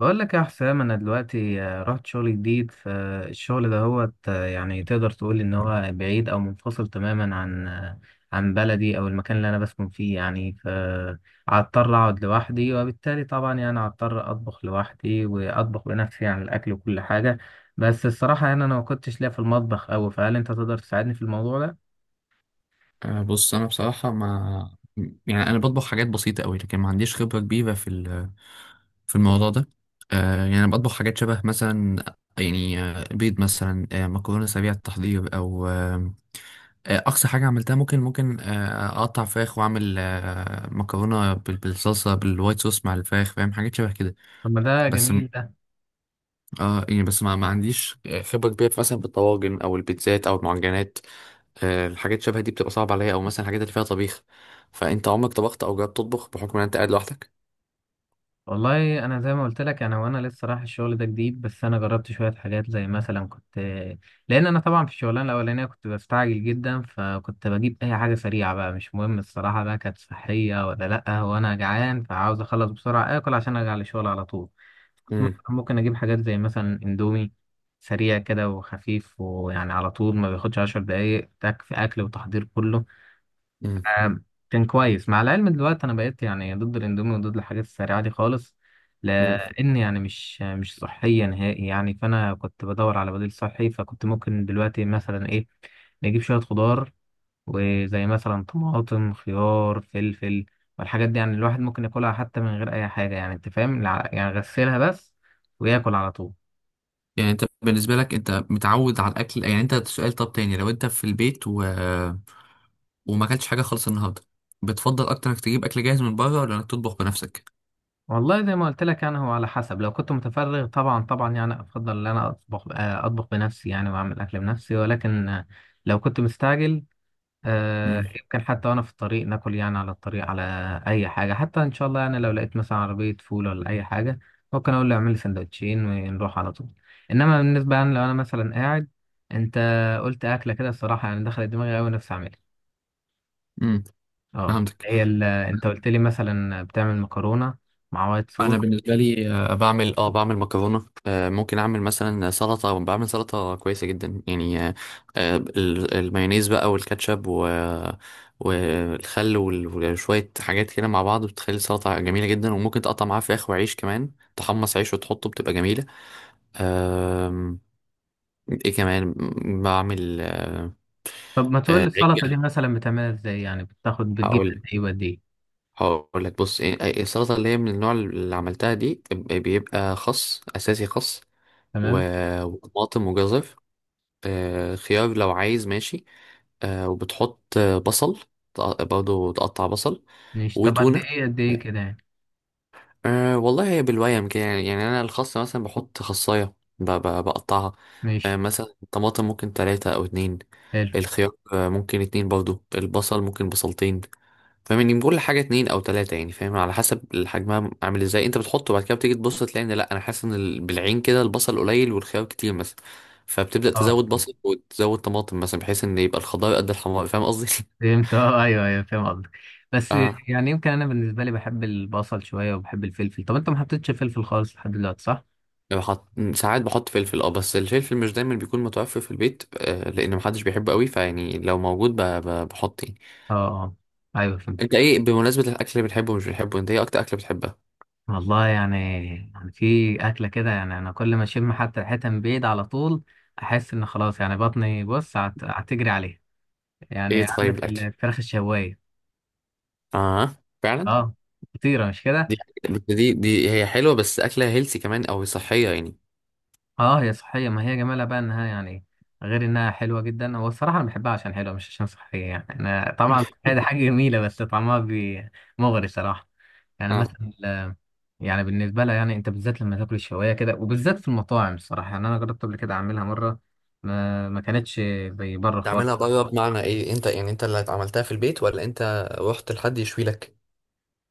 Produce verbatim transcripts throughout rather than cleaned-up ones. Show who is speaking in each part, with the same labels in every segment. Speaker 1: بقول لك يا حسام، انا دلوقتي آه، رحت شغل جديد. فالشغل ده هو يعني تقدر تقول ان هو بعيد او منفصل تماما عن آه، عن بلدي او المكان اللي انا بسكن فيه يعني. فهضطر اقعد لوحدي، وبالتالي طبعا يعني هضطر اطبخ لوحدي واطبخ بنفسي يعني الاكل وكل حاجة. بس الصراحة يعني انا ما كنتش ليا في المطبخ اوي، فهل انت تقدر تساعدني في الموضوع ده؟
Speaker 2: آه، بص انا بصراحه ما. يعني انا بطبخ حاجات بسيطه قوي، لكن ما عنديش خبره كبيره في ال- في الموضوع ده. آه، يعني انا بطبخ حاجات شبه مثلا، يعني آه، بيض مثلا، آه، مكرونه سريعه التحضير، او آه، آه، اقصى حاجه عملتها، ممكن ممكن آه، اقطع فراخ واعمل آه، مكرونه بال- بالصلصه بالوايت صوص مع الفراخ. فاهم؟ حاجات شبه كده.
Speaker 1: طب ما ده
Speaker 2: بس م-
Speaker 1: جميل ده.
Speaker 2: اه يعني بس ما, ما عنديش خبره كبيره مثلا بالطواجن او البيتزات او المعجنات. آه، الحاجات شبه دي بتبقى صعبة عليا، او مثلا الحاجات اللي فيها طبيخ. فانت عمرك طبخت او جربت تطبخ بحكم ان انت قاعد لوحدك؟
Speaker 1: والله انا زي ما قلت لك، انا وانا لسه رايح الشغل ده جديد، بس انا جربت شويه حاجات زي مثلا كنت، لان انا طبعا في الشغلانه الاولانيه كنت بستعجل جدا، فكنت بجيب اي حاجه سريعه بقى، مش مهم الصراحه بقى كانت صحيه ولا لا، وانا جعان فعاوز اخلص بسرعه اكل عشان ارجع للشغل على طول. كنت مثلاً
Speaker 2: امم.
Speaker 1: ممكن اجيب حاجات زي مثلا اندومي، سريع كده وخفيف، ويعني على طول ما بياخدش عشر دقايق تك في اكل وتحضير كله.
Speaker 2: امم.
Speaker 1: آم، كان كويس. مع العلم دلوقتي انا بقيت يعني ضد الاندومي وضد الحاجات السريعه دي خالص،
Speaker 2: امم.
Speaker 1: لان يعني مش مش صحيه نهائي يعني. فانا كنت بدور على بديل صحي، فكنت ممكن دلوقتي مثلا ايه، نجيب شويه خضار، وزي مثلا طماطم، خيار، فلفل. والحاجات دي يعني الواحد ممكن ياكلها حتى من غير اي حاجه، يعني انت فاهم، الع- يعني غسلها بس وياكل على طول.
Speaker 2: يعني انت بالنسبه لك انت متعود على الاكل، يعني انت، سؤال طب تاني، لو انت في البيت و... وما اكلتش حاجه خالص النهارده، بتفضل اكتر انك تجيب اكل جاهز من بره ولا انك تطبخ بنفسك؟
Speaker 1: والله زي ما قلت لك، يعني هو على حسب. لو كنت متفرغ طبعا طبعا، يعني افضل ان انا اطبخ، آه، اطبخ بنفسي يعني واعمل اكل بنفسي. ولكن آه، لو كنت مستعجل، آه،
Speaker 2: امم.
Speaker 1: يمكن حتى وانا في الطريق ناكل يعني، على الطريق على اي حاجه حتى. ان شاء الله يعني لو لقيت مثلا عربيه فول ولا اي حاجه، ممكن اقول له اعمل لي سندوتشين ونروح على طول. انما بالنسبه يعني لو انا مثلا قاعد، انت قلت اكله كده الصراحه يعني دخلت دماغي قوي، نفسي اعملها.
Speaker 2: امم.
Speaker 1: اه،
Speaker 2: فهمتك.
Speaker 1: هي ال- انت قلت لي مثلا بتعمل مكرونه مع وايت
Speaker 2: انا
Speaker 1: صوص.
Speaker 2: بالنسبه لي آه، بعمل، اه بعمل مكرونه. آه، ممكن اعمل مثلا سلطه، بعمل سلطه كويسه جدا يعني. آه، آه، ال- المايونيز بقى والكاتشب و والخل وال- وشويه حاجات كده مع بعض بتخلي السلطه جميله جدا، وممكن تقطع معاها فراخ وعيش كمان. تحمص عيش وتحطه بتبقى جميله. آم، ايه كمان؟ بعمل آه،
Speaker 1: طب ما تقول لي
Speaker 2: آه،
Speaker 1: السلطة دي
Speaker 2: عجة.
Speaker 1: مثلا بتعملها ازاي يعني؟ بتاخد بتجيب
Speaker 2: هقول
Speaker 1: قد
Speaker 2: لك
Speaker 1: ايه وقد ايه؟
Speaker 2: هقول لك، بص، إيه- إيه السلطة اللي هي من النوع اللي عملتها دي، ب- بيبقى خس أساسي، خس،
Speaker 1: تمام.
Speaker 2: و- وطماطم وجزر، آه، خيار لو عايز ماشي، آه، وبتحط آه، بصل. تق- برضه تقطع بصل
Speaker 1: ماشي، طب قد
Speaker 2: وتونة
Speaker 1: ايه قد ايه
Speaker 2: يعني.
Speaker 1: كده يعني؟
Speaker 2: أه والله هي بالويم كده، يعني يعني أنا الخاصة مثلا بحط خصاية، ب- ب- بقطعها. أه
Speaker 1: ماشي.
Speaker 2: مثلا الطماطم ممكن تلاتة أو اتنين،
Speaker 1: حلو.
Speaker 2: الخيار آه، ممكن اتنين برضه، البصل ممكن بصلتين. فاهمني، بكل حاجه اتنين او تلاته يعني، فاهم؟ على حسب الحجم عامل ازاي انت بتحطه. بعد كده بتيجي تبص تلاقي ان، لا، انا حاسس ان ال- بالعين كده البصل قليل والخيار كتير مثلا. فبتبدا
Speaker 1: اه،
Speaker 2: تزود بصل وتزود طماطم، مثلا بحيث ان يبقى الخضار قد الحمار. فاهم قصدي؟
Speaker 1: فهمت. اه، ايوه ايوه فاهم قصدك. بس
Speaker 2: اه.
Speaker 1: يعني يمكن انا بالنسبة لي بحب البصل شوية وبحب الفلفل. طب انت ما حطيتش فلفل خالص لحد دلوقتي، صح؟
Speaker 2: بحط، ساعات بحط فلفل، اه، بس الفلفل مش دايما بيكون متوفر في البيت، آه لان محدش بيحبه قوي، فيعني لو موجود ب- ب- بحط يعني.
Speaker 1: اه اه، ايوه
Speaker 2: انت
Speaker 1: فهمتك.
Speaker 2: ايه، بمناسبه الاكل اللي بتحبه ومش بتحبه، انت ايه اكتر اكله بتحبها؟
Speaker 1: والله يعني، يعني في أكلة كده يعني أنا كل ما أشم حتى ريحتها من بعيد على طول، أحس إن خلاص يعني بطني بص هت- هتجري عليها.
Speaker 2: ايه،
Speaker 1: يعني
Speaker 2: طيب
Speaker 1: عندك
Speaker 2: الاكل،
Speaker 1: الفراخ الشواية.
Speaker 2: اه فعلا.
Speaker 1: اه، خطيرة مش كده؟
Speaker 2: دي دي دي هي حلوه، بس اكلها هيلسي كمان او صحيه يعني.
Speaker 1: اه هي صحية، ما هي جمالها بقى انها يعني، غير انها حلوة جدا، هو الصراحة انا بحبها عشان حلوة مش عشان صحية. يعني انا طبعا صحية دي حاجة جميلة، بس طعمها بي- مغري صراحة. يعني
Speaker 2: اه.
Speaker 1: مثلا ال- يعني بالنسبة لها، يعني انت بالذات لما تاكل الشواية كده وبالذات في المطاعم، الصراحة يعني انا جربت قبل كده اعملها مرة، ما, ما كانتش زي بره
Speaker 2: تعملها
Speaker 1: خالص.
Speaker 2: بره بمعنى ايه؟ انت يعني انت اللي عملتها في البيت ولا انت رحت لحد يشوي لك؟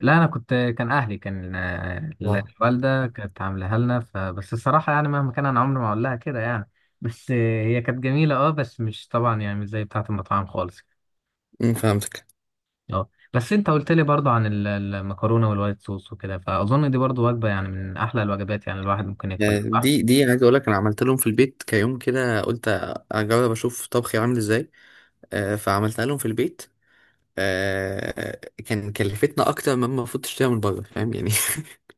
Speaker 1: لا انا كنت، كان اهلي كان آه،
Speaker 2: آه.
Speaker 1: الوالده كانت عاملاها لنا. فبس الصراحه يعني مهما كان انا عمري ما اقول لها كده يعني. بس آه، هي كانت جميله، اه، بس مش طبعا يعني مش زي بتاعه المطاعم خالص.
Speaker 2: امم. فهمتك.
Speaker 1: اه بس انت قلت لي برضو عن ال- المكرونه والوايت صوص وكده، فاظن دي برضو وجبه يعني من احلى الوجبات يعني الواحد ممكن
Speaker 2: يعني
Speaker 1: ياكلها، صح؟
Speaker 2: دي دي عايز اقول لك، انا عملت لهم في البيت كيوم كده، قلت اجرب اشوف طبخي عامل ازاي. آه، فعملتها لهم في البيت. آه، كان كلفتنا اكتر مما المفروض تشتريها من بره، فاهم يعني.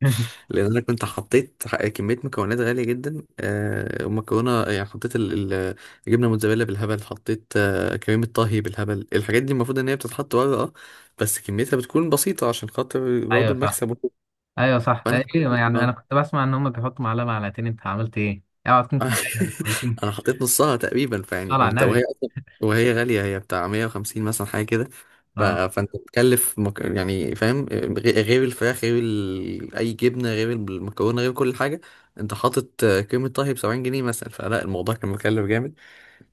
Speaker 2: لان انا كنت حطيت ح- كميه مكونات غاليه جدا. آه، ومكرونه يعني، حطيت ال- ال- الجبنه موتزاريلا بالهبل، حطيت آه، كريمه طهي بالهبل. الحاجات دي المفروض ان هي بتتحط ورا، اه، بس كميتها بتكون بسيطه عشان خاطر
Speaker 1: ايوه
Speaker 2: برضه
Speaker 1: صح.
Speaker 2: المكسب وكده.
Speaker 1: ايوه صح.
Speaker 2: فانا
Speaker 1: آه،
Speaker 2: حطيت-
Speaker 1: ايوه، يعني انا
Speaker 2: اه
Speaker 1: كنت بسمع ان هم بيحطوا معلقه معلقتين، انت عملت ايه؟ اوعى تكون كوبايه ولا كوبايتين!
Speaker 2: انا حطيت نصها تقريبا، فيعني
Speaker 1: صلى على
Speaker 2: كنت،
Speaker 1: النبي.
Speaker 2: وهي اصلا، وهي غاليه، هي بتاع مائة وخمسين مثلا حاجه كده. ف...
Speaker 1: اه،
Speaker 2: فانت بتكلف مك... يعني، فاهم، غ- غير الفراخ، غير ال... اي جبنه، غير المكرونه، غير كل حاجه، انت حاطط آه، كريمه طهي ب سبعين جنيه مثلا. فلا الموضوع كان مكلف جامد.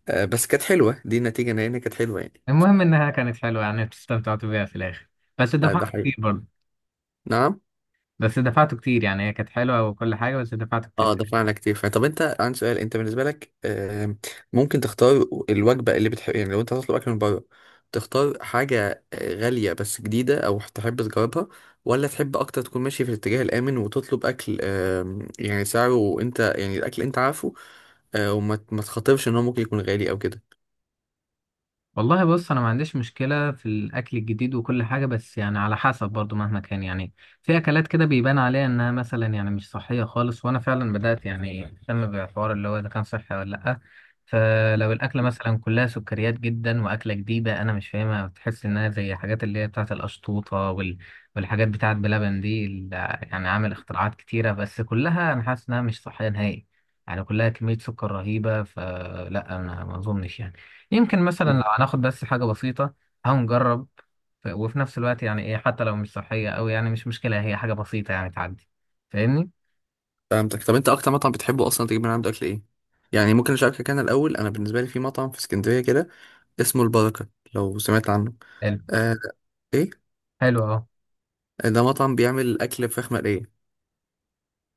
Speaker 2: آه، بس كانت حلوه، دي النتيجه ان هي كانت حلوه يعني.
Speaker 1: المهم انها كانت حلوه، يعني استمتعت بيها في الاخر، بس
Speaker 2: آه، ده
Speaker 1: دفعت كتير
Speaker 2: حقيقي.
Speaker 1: برضه.
Speaker 2: نعم.
Speaker 1: بس دفعت كتير يعني، هي كانت حلوه وكل حاجه، بس دفعت
Speaker 2: اه،
Speaker 1: كتير.
Speaker 2: دفعنا على كتير فعلا. طب انت، عندي سؤال، انت بالنسبه لك، آم، ممكن تختار الوجبه اللي بتحب؟ يعني لو انت هتطلب اكل من بره، تختار حاجه آه، غاليه بس جديده او تحب تجربها، ولا تحب اكتر تكون ماشي في الاتجاه الامن وتطلب اكل، آم، يعني سعره انت، يعني الاكل انت عارفه، آه، وما ت- ما تخاطرش ان هو ممكن يكون غالي او كده؟
Speaker 1: والله بص، انا ما عنديش مشكله في الاكل الجديد وكل حاجه، بس يعني على حسب برضو مهما كان يعني. في اكلات كده بيبان عليها انها مثلا يعني مش صحيه خالص، وانا فعلا بدات يعني اهتم بالحوار اللي هو اذا كان صحي ولا لا. فلو الاكله مثلا كلها سكريات جدا واكله جديده انا مش فاهمها، بتحس انها زي حاجات اللي هي بتاعه القشطوطه وال... والحاجات بتاعه بلبن دي ال- يعني عامل اختراعات كتيره، بس كلها انا حاسس انها مش صحيه نهائي. يعني كلها كميه سكر رهيبه، فلا انا ما اظنش يعني. يمكن مثلا
Speaker 2: مم.
Speaker 1: لو هناخد بس حاجة بسيطة هنجرب. ف- وفي نفس الوقت يعني ايه، حتى لو مش صحية أوي يعني مش مشكلة، هي حاجة بسيطة يعني تعدي. فاهمني؟
Speaker 2: فهمتك. طب انت اكتر مطعم بتحبه اصلا تجيب من عنده اكل ايه؟ يعني ممكن اشاركك انا الاول. انا بالنسبه لي في مطعم في اسكندريه كده اسمه البركه، لو سمعت عنه.
Speaker 1: حلو.
Speaker 2: آه، ايه،
Speaker 1: حلو اهو.
Speaker 2: ده مطعم بيعمل اكل فراخ مقليه.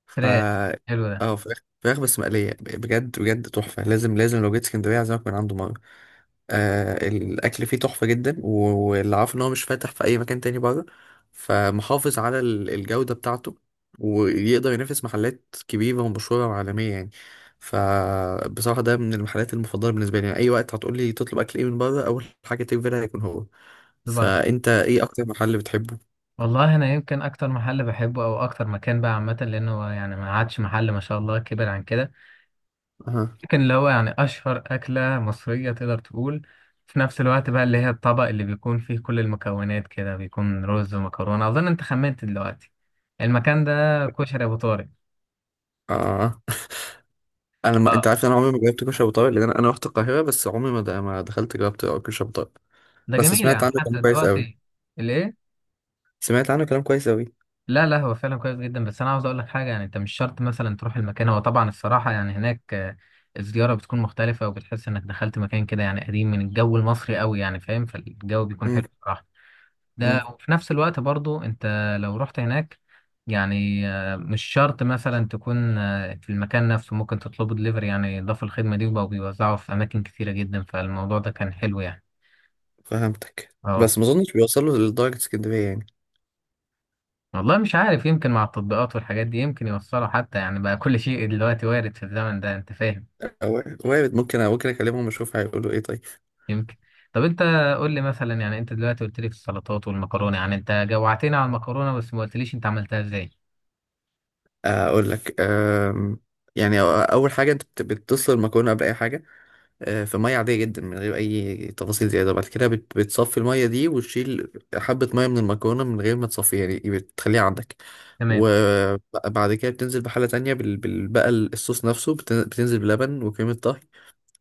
Speaker 2: ف
Speaker 1: فراخ، حلو ده.
Speaker 2: اه فراخ، فراخ بس مقليه، بجد بجد تحفه، لازم لازم لو جيت اسكندريه اعزمك من عنده مره. آه الاكل فيه تحفه جدا، و- واللي عارف ان هو مش فاتح في اي مكان تاني بره، فمحافظ على ال- الجوده بتاعته، ويقدر ينافس محلات كبيره ومشهوره وعالميه يعني. فبصراحه ده من المحلات المفضله بالنسبه لي، يعني اي وقت هتقول لي تطلب اكل ايه من بره، اول حاجه تيجي في بالها هيكون هو.
Speaker 1: البركة.
Speaker 2: فانت ايه اكتر محل بتحبه؟
Speaker 1: والله أنا يمكن أكتر محل بحبه أو أكتر مكان بقى عامة، لأنه هو يعني ما عادش محل، ما شاء الله كبر عن كده.
Speaker 2: اها.
Speaker 1: يمكن اللي هو يعني أشهر أكلة مصرية تقدر تقول، في نفس الوقت بقى اللي هي الطبق اللي بيكون فيه كل المكونات كده، بيكون رز ومكرونة. أظن أنت خمنت دلوقتي المكان ده، كشري أبو طارق.
Speaker 2: اه، انا ما... انت
Speaker 1: اه
Speaker 2: عارف ان انا عمري ما جربت كشري ابو طارق، لان انا انا رحت القاهره، بس عمري ما د... ما دخلت جربت كشري ابو طارق.
Speaker 1: ده
Speaker 2: بس
Speaker 1: جميل
Speaker 2: سمعت
Speaker 1: يعني
Speaker 2: عنه
Speaker 1: حتى
Speaker 2: كلام كويس قوي.
Speaker 1: دلوقتي. الايه؟
Speaker 2: سمعت عنه كلام كويس قوي.
Speaker 1: لا لا، هو فعلا كويس جدا. بس انا عاوز اقول لك حاجه، يعني انت مش شرط مثلا تروح المكان. هو طبعا الصراحه يعني هناك آه، الزياره بتكون مختلفه، وبتحس انك دخلت مكان كده يعني قديم من الجو المصري قوي يعني، فاهم؟ فالجو بيكون حلو
Speaker 2: امم.
Speaker 1: الصراحه. ده
Speaker 2: امم.
Speaker 1: وفي نفس الوقت برضو انت لو رحت هناك، يعني آه، مش شرط مثلا تكون آه، في المكان نفسه، ممكن تطلبه دليفري يعني. ضافوا الخدمه دي وبقوا بيوزعوا في اماكن كثيره جدا، فالموضوع ده كان حلو يعني.
Speaker 2: فهمتك،
Speaker 1: اه
Speaker 2: بس ما اظنش بيوصل له لدرجه اسكندريه يعني.
Speaker 1: والله مش عارف، يمكن مع التطبيقات والحاجات دي يمكن يوصلوا حتى يعني. بقى كل شيء دلوقتي وارد في الزمن ده، انت فاهم.
Speaker 2: أو- وارد، ممكن ممكن اكلمهم اشوف هيقولوا ايه. طيب.
Speaker 1: يمكن. طب انت قول لي مثلا، يعني انت دلوقتي قلت لي في السلطات والمكرونه، يعني انت جوعتني على المكرونه، بس ما قلتليش انت عملتها ازاي.
Speaker 2: آه، اقول لك، أم... يعني أ- اول حاجه، انت بت- بتسلق المكرونه قبل اي حاجه، آه، في ميه عاديه جدا من غير اي تفاصيل زياده. بعد كده بت- بتصفي الميه دي، وتشيل حبه ميه من المكرونه من غير ما تصفيها، يعني إيه، بتخليها عندك.
Speaker 1: تمام.
Speaker 2: وبعد كده بتنزل بحله تانية بال... بال... بقى الصوص نفسه، بت- بتنزل بلبن وكريمه طهي،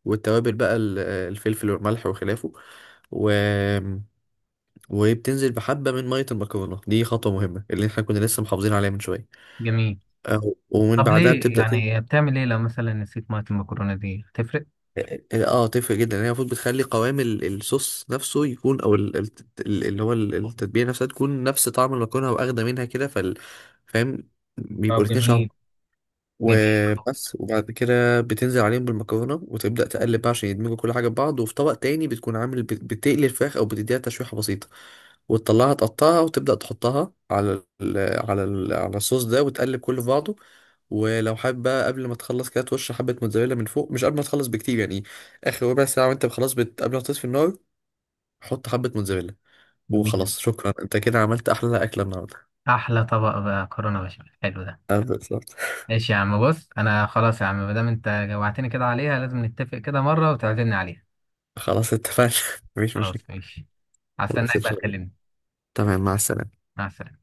Speaker 2: والتوابل بقى، ال- الفلفل والملح وخلافه، و... وبتنزل بحبه من ميه المكرونه دي، خطوه مهمه اللي احنا كنا لسه محافظين عليها من شويه.
Speaker 1: جميل.
Speaker 2: آه، ومن
Speaker 1: طب
Speaker 2: بعدها
Speaker 1: ليه
Speaker 2: بتبدا.
Speaker 1: يعني بتعمل ايه لو مثلا نسيت ميه المكرونه دي؟ هتفرق؟
Speaker 2: اه آه، آه، تفرق جدا يعني، هي المفروض بتخلي قوام ال- الصوص نفسه يكون، او ال- ال- ال- اللي هو ال- التتبيله نفسها تكون نفس طعم المكرونه واخده منها كده، فال فاهم؟ بيبقوا
Speaker 1: طب
Speaker 2: الاتنين شبه.
Speaker 1: جميل. جميل خلاص.
Speaker 2: وبس. وبعد كده بتنزل عليهم بالمكرونة وتبدأ تقلب بقى عشان يدمجوا كل حاجة ببعض، وفي طبق تاني بتكون عامل، بت- بتقلي الفراخ أو بتديها تشويحة بسيطة، وتطلعها تقطعها وتبدأ تحطها على ال على ال على الصوص ده، وتقلب كله في بعضه. ولو حابب بقى، قبل ما تخلص كده، ترش حبة موتزاريلا من فوق، مش قبل ما تخلص بكتير يعني. آخر ربع ساعة وأنت خلاص بت... قبل ما تطفي النار، حط حبة موتزاريلا.
Speaker 1: جميل.
Speaker 2: وخلاص، شكرا، أنت كده عملت أحلى أكلة النهاردة.
Speaker 1: احلى طبق بقى مكرونه بشاميل، حلو ده.
Speaker 2: آه، بالظبط.
Speaker 1: ماشي يا عم، بص انا خلاص يا عم، ما دام انت جوعتني كده عليها، لازم نتفق كده مره وتعزمني عليها.
Speaker 2: خلاص اتفقنا. مفيش مشاكل.
Speaker 1: خلاص ماشي.
Speaker 2: خلاص، إن
Speaker 1: هستناك بقى
Speaker 2: شاء الله.
Speaker 1: تكلمني.
Speaker 2: تمام، مع السلامة.
Speaker 1: مع السلامة.